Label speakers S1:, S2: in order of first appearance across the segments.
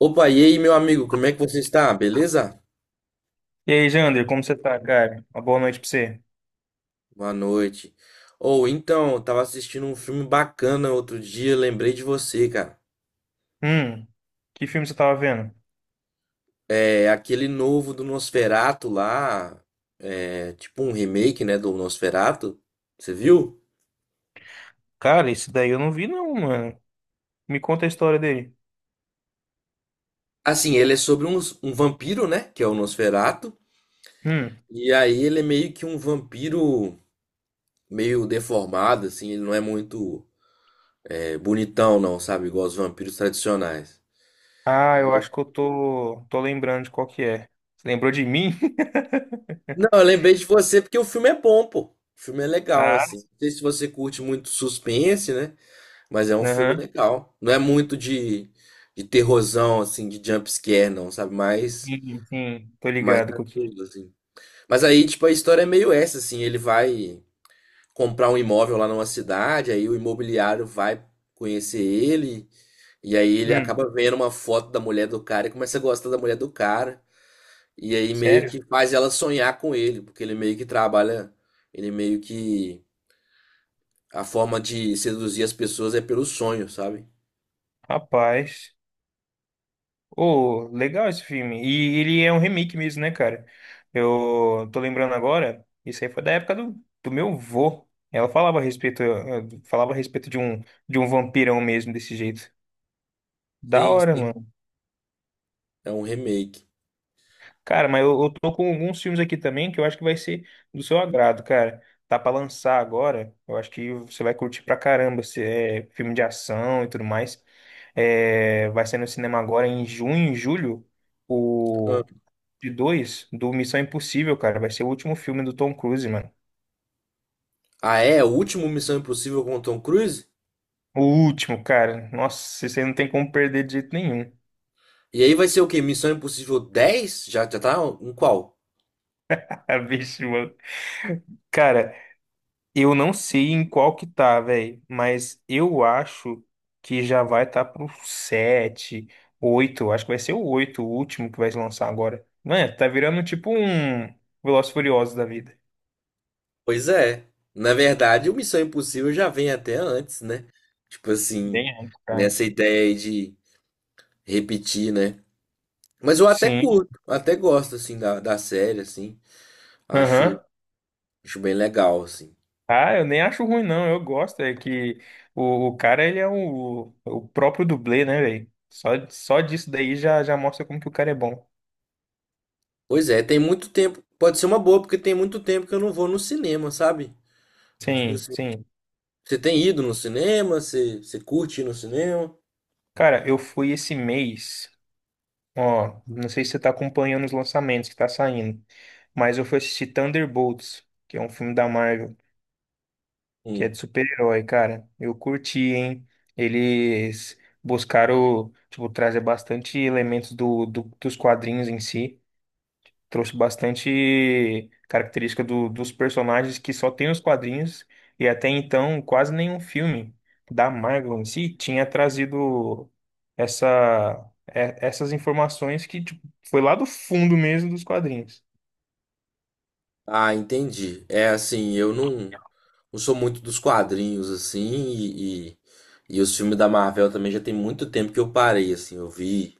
S1: Opa, e aí, meu amigo, como é que você está? Beleza?
S2: E aí, Jander, como você tá, cara? Uma boa noite pra você.
S1: Boa noite. Ou então, eu tava assistindo um filme bacana outro dia, lembrei de você, cara.
S2: Hum, que filme você tava vendo?
S1: É aquele novo do Nosferatu lá, é tipo um remake, né, do Nosferatu. Você viu?
S2: Cara, esse daí eu não vi não, mano. Me conta a história dele.
S1: Assim, ele é sobre um vampiro, né, que é o Nosferatu.
S2: Hum.
S1: E aí ele é meio que um vampiro meio deformado, assim, ele não é muito bonitão, não, sabe? Igual os vampiros tradicionais.
S2: Ah, eu acho que eu tô lembrando de qual que é. Você lembrou de mim?
S1: Não, eu lembrei de você porque o filme é bom, pô. O filme é legal,
S2: Ah,
S1: assim. Não sei se você curte muito suspense, né? Mas é um filme
S2: aham.
S1: legal. Não é muito de terrorzão, assim, de jumpscare, não, sabe? Mais,
S2: Sim, sim, tô
S1: mais
S2: ligado com o que é.
S1: tranquilo, assim. Mas aí, tipo, a história é meio essa, assim. Ele vai comprar um imóvel lá numa cidade, aí o imobiliário vai conhecer ele, e aí ele
S2: Hum,
S1: acaba vendo uma foto da mulher do cara e começa a gostar da mulher do cara. E aí meio
S2: sério?
S1: que faz ela sonhar com ele, porque ele meio que trabalha, ele meio que a forma de seduzir as pessoas é pelo sonho, sabe?
S2: Rapaz. Oh, legal esse filme. E ele é um remake mesmo, né, cara? Eu tô lembrando agora, isso aí foi da época do meu vô. Ela falava a respeito, falava a respeito de um vampirão mesmo, desse jeito. Da
S1: Sim,
S2: hora,
S1: sim,
S2: mano.
S1: é um remake.
S2: Cara, mas eu tô com alguns filmes aqui também que eu acho que vai ser do seu agrado, cara. Tá pra lançar agora, eu acho que você vai curtir pra caramba. Se é filme de ação e tudo mais. É, vai ser no cinema agora em junho, em julho.
S1: Ah,
S2: De dois do Missão Impossível, cara. Vai ser o último filme do Tom Cruise, mano.
S1: ah, é? O último Missão Impossível com o Tom Cruise?
S2: O último, cara. Nossa, você não tem como perder de jeito nenhum.
S1: E aí vai ser o quê? Missão Impossível 10. Já, já tá em qual?
S2: Ah, bicho, mano. Cara, eu não sei em qual que tá, velho, mas eu acho que já vai tá pro 7 oito, acho que vai ser o 8 o último que vai lançar agora. Mano, tá virando tipo um Velozes e Furiosos da vida.
S1: Pois é. Na verdade, o Missão Impossível já vem até antes, né? Tipo assim,
S2: Bem antes, cara.
S1: nessa ideia aí de repetir, né? Mas eu até
S2: Sim.
S1: curto, até gosto, assim, da, da série, assim. Acho,
S2: Aham.
S1: acho bem legal, assim.
S2: Ah, eu nem acho ruim, não. Eu gosto. É que o cara, ele é o próprio dublê, né, velho? Só disso daí já, já mostra como que o cara é bom.
S1: Pois é, tem muito tempo. Pode ser uma boa, porque tem muito tempo que eu não vou no cinema, sabe? Tipo
S2: Sim,
S1: assim,
S2: sim.
S1: você tem ido no cinema? Você, você curte ir no cinema?
S2: Cara, eu fui esse mês. Ó, não sei se você tá acompanhando os lançamentos que tá saindo, mas eu fui assistir Thunderbolts, que é um filme da Marvel, que é
S1: Hum.
S2: de super-herói, cara. Eu curti, hein? Eles buscaram, tipo, trazer bastante elementos dos quadrinhos em si. Trouxe bastante característica dos personagens que só tem nos quadrinhos e até então quase nenhum filme da Marvel em si tinha trazido essa, essas informações que, tipo, foi lá do fundo mesmo dos quadrinhos.
S1: Ah, entendi. É assim, eu não, não sou muito dos quadrinhos, assim, e os filmes da Marvel também já tem muito tempo que eu parei, assim. Eu vi.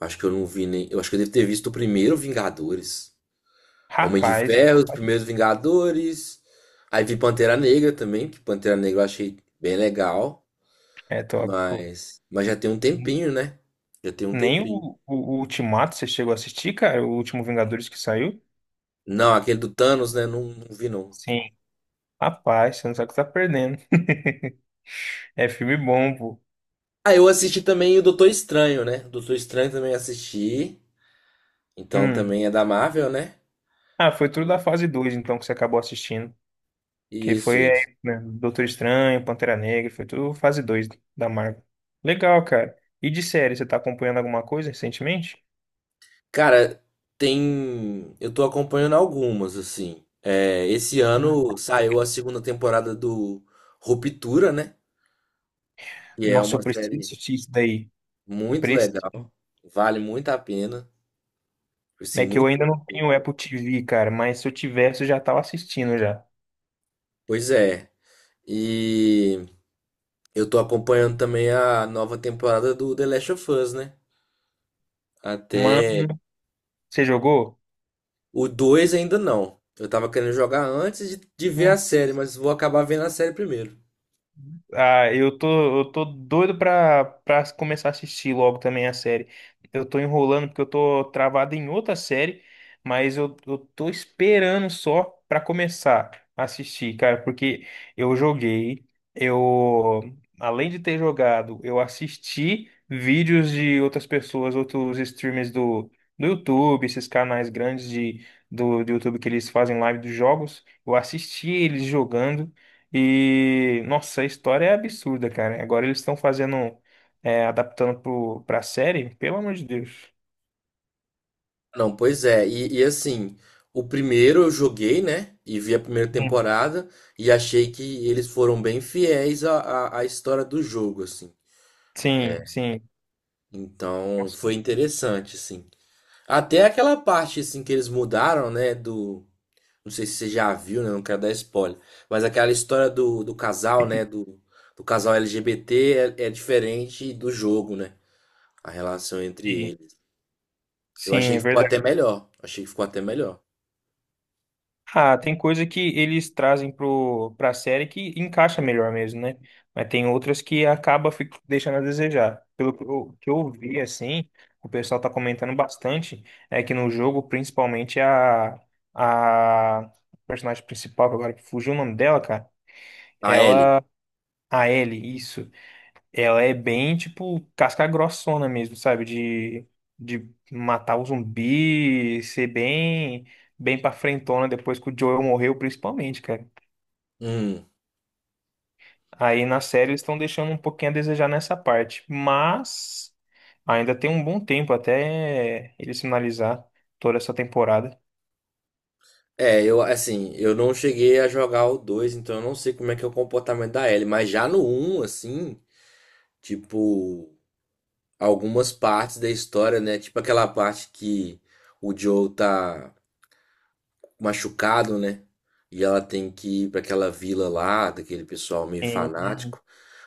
S1: Acho que eu não vi nem. Eu acho que eu devo ter visto o primeiro Vingadores. Homem de
S2: Rapaz,
S1: Ferro, os primeiros Vingadores. Aí vi Pantera Negra também, que Pantera Negra eu achei bem legal.
S2: é top, pô.
S1: Mas já tem um tempinho, né? Já tem um
S2: Nem
S1: tempinho.
S2: o Ultimato você chegou a assistir, cara? O último Vingadores que saiu?
S1: Não, aquele do Thanos, né? Não, não vi, não.
S2: Sim. Rapaz, você não sabe o que tá perdendo. É filme bom, pô.
S1: Ah, eu assisti também o Doutor Estranho, né? Doutor Estranho também assisti. Então
S2: Hum.
S1: também é da Marvel, né?
S2: Ah, foi tudo da fase 2, então, que você acabou assistindo. Que
S1: Isso,
S2: foi, é,
S1: isso.
S2: né, Doutor Estranho, Pantera Negra, foi tudo fase 2 da Marvel. Legal, cara. E de série, você tá acompanhando alguma coisa recentemente?
S1: Cara, tem. Eu tô acompanhando algumas, assim. É, esse ano saiu a segunda temporada do Ruptura, né? Que é
S2: Nossa, eu
S1: uma
S2: preciso
S1: série
S2: assistir isso daí.
S1: muito legal.
S2: Preciso.
S1: Vale muito a pena. Assim,
S2: É que eu
S1: muito
S2: ainda
S1: bem
S2: não tenho
S1: feita.
S2: Apple TV, cara, mas se eu tivesse, eu já tava assistindo já.
S1: Pois é. E. Eu tô acompanhando também a nova temporada do The Last of Us, né? Até
S2: Mano, você jogou?
S1: o 2 ainda não. Eu tava querendo jogar antes de ver a série,
S2: Nossa.
S1: mas vou acabar vendo a série primeiro.
S2: Ah, eu tô doido pra começar a assistir logo também a série. Eu tô enrolando porque eu tô travado em outra série, mas eu tô esperando só pra começar a assistir, cara, porque eu joguei, eu, além de ter jogado, eu assisti vídeos de outras pessoas, outros streamers do YouTube, esses canais grandes de, do YouTube, que eles fazem live dos jogos. Eu assisti eles jogando. E, nossa, a história é absurda, cara. Agora eles estão fazendo, é, adaptando pra série, pelo amor de Deus.
S1: Não, pois é. E assim, o primeiro eu joguei, né? E vi a primeira
S2: Hum.
S1: temporada e achei que eles foram bem fiéis à história do jogo, assim.
S2: Sim, sim,
S1: Então foi
S2: com
S1: interessante, assim. Até aquela parte, assim, que eles mudaram, né? Do, não sei se você já viu, né? Não quero dar spoiler. Mas aquela história do, do casal, né?
S2: certeza.
S1: Do, do casal LGBT é, é diferente do jogo, né? A relação entre
S2: Sim,
S1: eles. Eu
S2: sim,
S1: achei
S2: é
S1: que ficou
S2: verdade.
S1: até melhor. Achei que ficou até melhor.
S2: Ah, tem coisa que eles trazem pra série que encaixa melhor mesmo, né? Mas tem outras que acaba deixando a desejar. Pelo que eu vi, assim, o pessoal tá comentando bastante, é que no jogo, principalmente, a personagem principal, que agora fugiu o nome dela, cara.
S1: A Ellie.
S2: A Ellie, isso. Ela é bem, tipo, casca grossona mesmo, sabe? De matar o zumbi, ser bem, bem pra frentona depois que o Joel morreu, principalmente, cara.
S1: Hum.
S2: Aí na série eles estão deixando um pouquinho a desejar nessa parte. Mas ainda tem um bom tempo até eles finalizar toda essa temporada.
S1: É, eu, assim, eu não cheguei a jogar o 2, então eu não sei como é que é o comportamento da Ellie. Mas já no um, assim, tipo, algumas partes da história, né? Tipo aquela parte que o Joe tá machucado, né? E ela tem que ir para aquela vila lá, daquele pessoal meio fanático.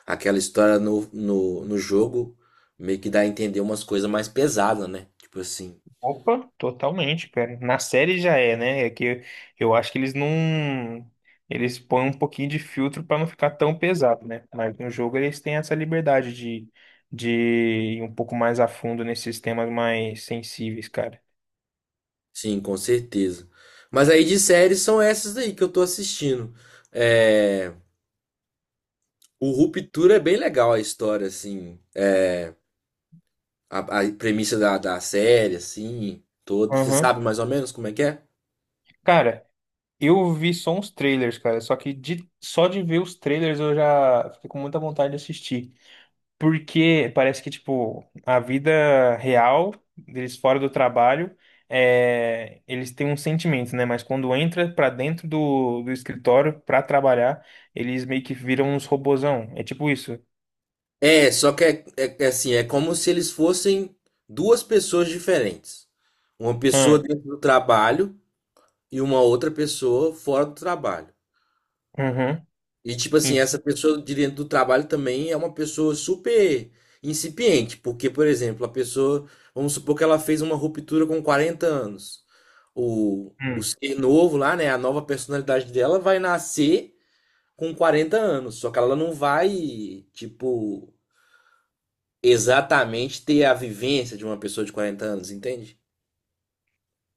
S1: Aquela história no jogo meio que dá a entender umas coisas mais pesadas, né? Tipo assim.
S2: Opa, totalmente, cara. Na série já é, né? É que eu acho que eles não. Eles põem um pouquinho de filtro pra não ficar tão pesado, né? Mas no jogo eles têm essa liberdade de ir um pouco mais a fundo nesses temas mais sensíveis, cara.
S1: Sim, com certeza. Mas aí de séries são essas aí que eu tô assistindo. É... O Ruptura é bem legal a história, assim. É... A, a premissa da, da série, assim, toda. Você
S2: Aham.
S1: sabe mais ou menos como é que é?
S2: Cara, eu vi só uns trailers, cara. Só que de, só de ver os trailers eu já fiquei com muita vontade de assistir. Porque parece que, tipo, a vida real deles fora do trabalho, é, eles têm um sentimento, né? Mas quando entra pra dentro do escritório pra trabalhar, eles meio que viram uns robozão. É tipo isso.
S1: É, só que é assim, é como se eles fossem duas pessoas diferentes. Uma pessoa
S2: Ah,
S1: dentro do trabalho e uma outra pessoa fora do trabalho.
S2: uhum,
S1: E tipo assim,
S2: en-
S1: essa pessoa de dentro do trabalho também é uma pessoa super incipiente, porque, por exemplo, a pessoa, vamos supor que ela fez uma ruptura com 40 anos. O
S2: hum,
S1: ser novo lá, né, a nova personalidade dela vai nascer com 40 anos, só que ela não vai, tipo, exatamente ter a vivência de uma pessoa de 40 anos, entende?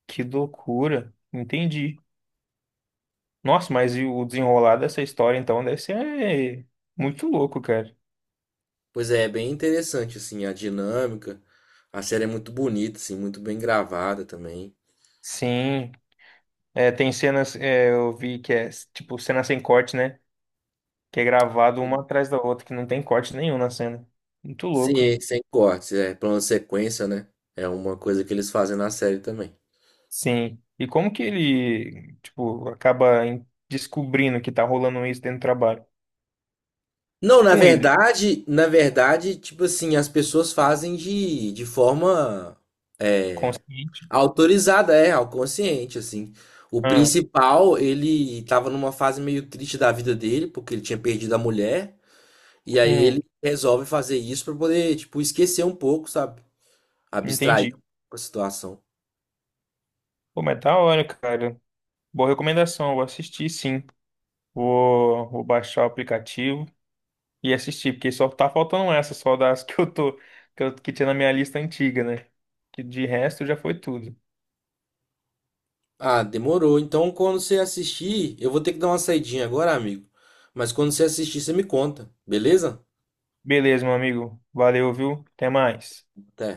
S2: que loucura. Entendi. Nossa, mas e o desenrolar dessa história, então, deve ser muito louco, cara.
S1: Pois é, é bem interessante, assim, a dinâmica. A série é muito bonita, assim, muito bem gravada também.
S2: Sim. É, tem cenas, é, eu vi que é, tipo, cena sem corte, né? Que é gravado uma atrás da outra, que não tem corte nenhum na cena. Muito louco.
S1: Sim, sem cortes, é plano sequência, né? É uma coisa que eles fazem na série também.
S2: Sim. E como que ele, tipo, acaba descobrindo que tá rolando isso dentro do trabalho?
S1: Não,
S2: Com ele,
S1: na verdade, tipo assim, as pessoas fazem de forma é,
S2: consciente.
S1: autorizada, é, ao consciente, assim. O
S2: Ah,
S1: principal, ele tava numa fase meio triste da vida dele, porque ele tinha perdido a mulher, e aí ele
S2: hum,
S1: resolve fazer isso pra poder, tipo, esquecer um pouco, sabe? Abstrair
S2: entendi.
S1: um pouco a situação.
S2: Pô, mas da hora, cara. Boa recomendação, eu vou assistir sim. Vou baixar o aplicativo e assistir, porque só tá faltando essa, só das que eu tô, que, que tinha na minha lista antiga, né? Que de resto já foi tudo.
S1: Ah, demorou. Então, quando você assistir, eu vou ter que dar uma saidinha agora, amigo. Mas quando você assistir, você me conta, beleza?
S2: Beleza, meu amigo. Valeu, viu? Até mais.
S1: Até.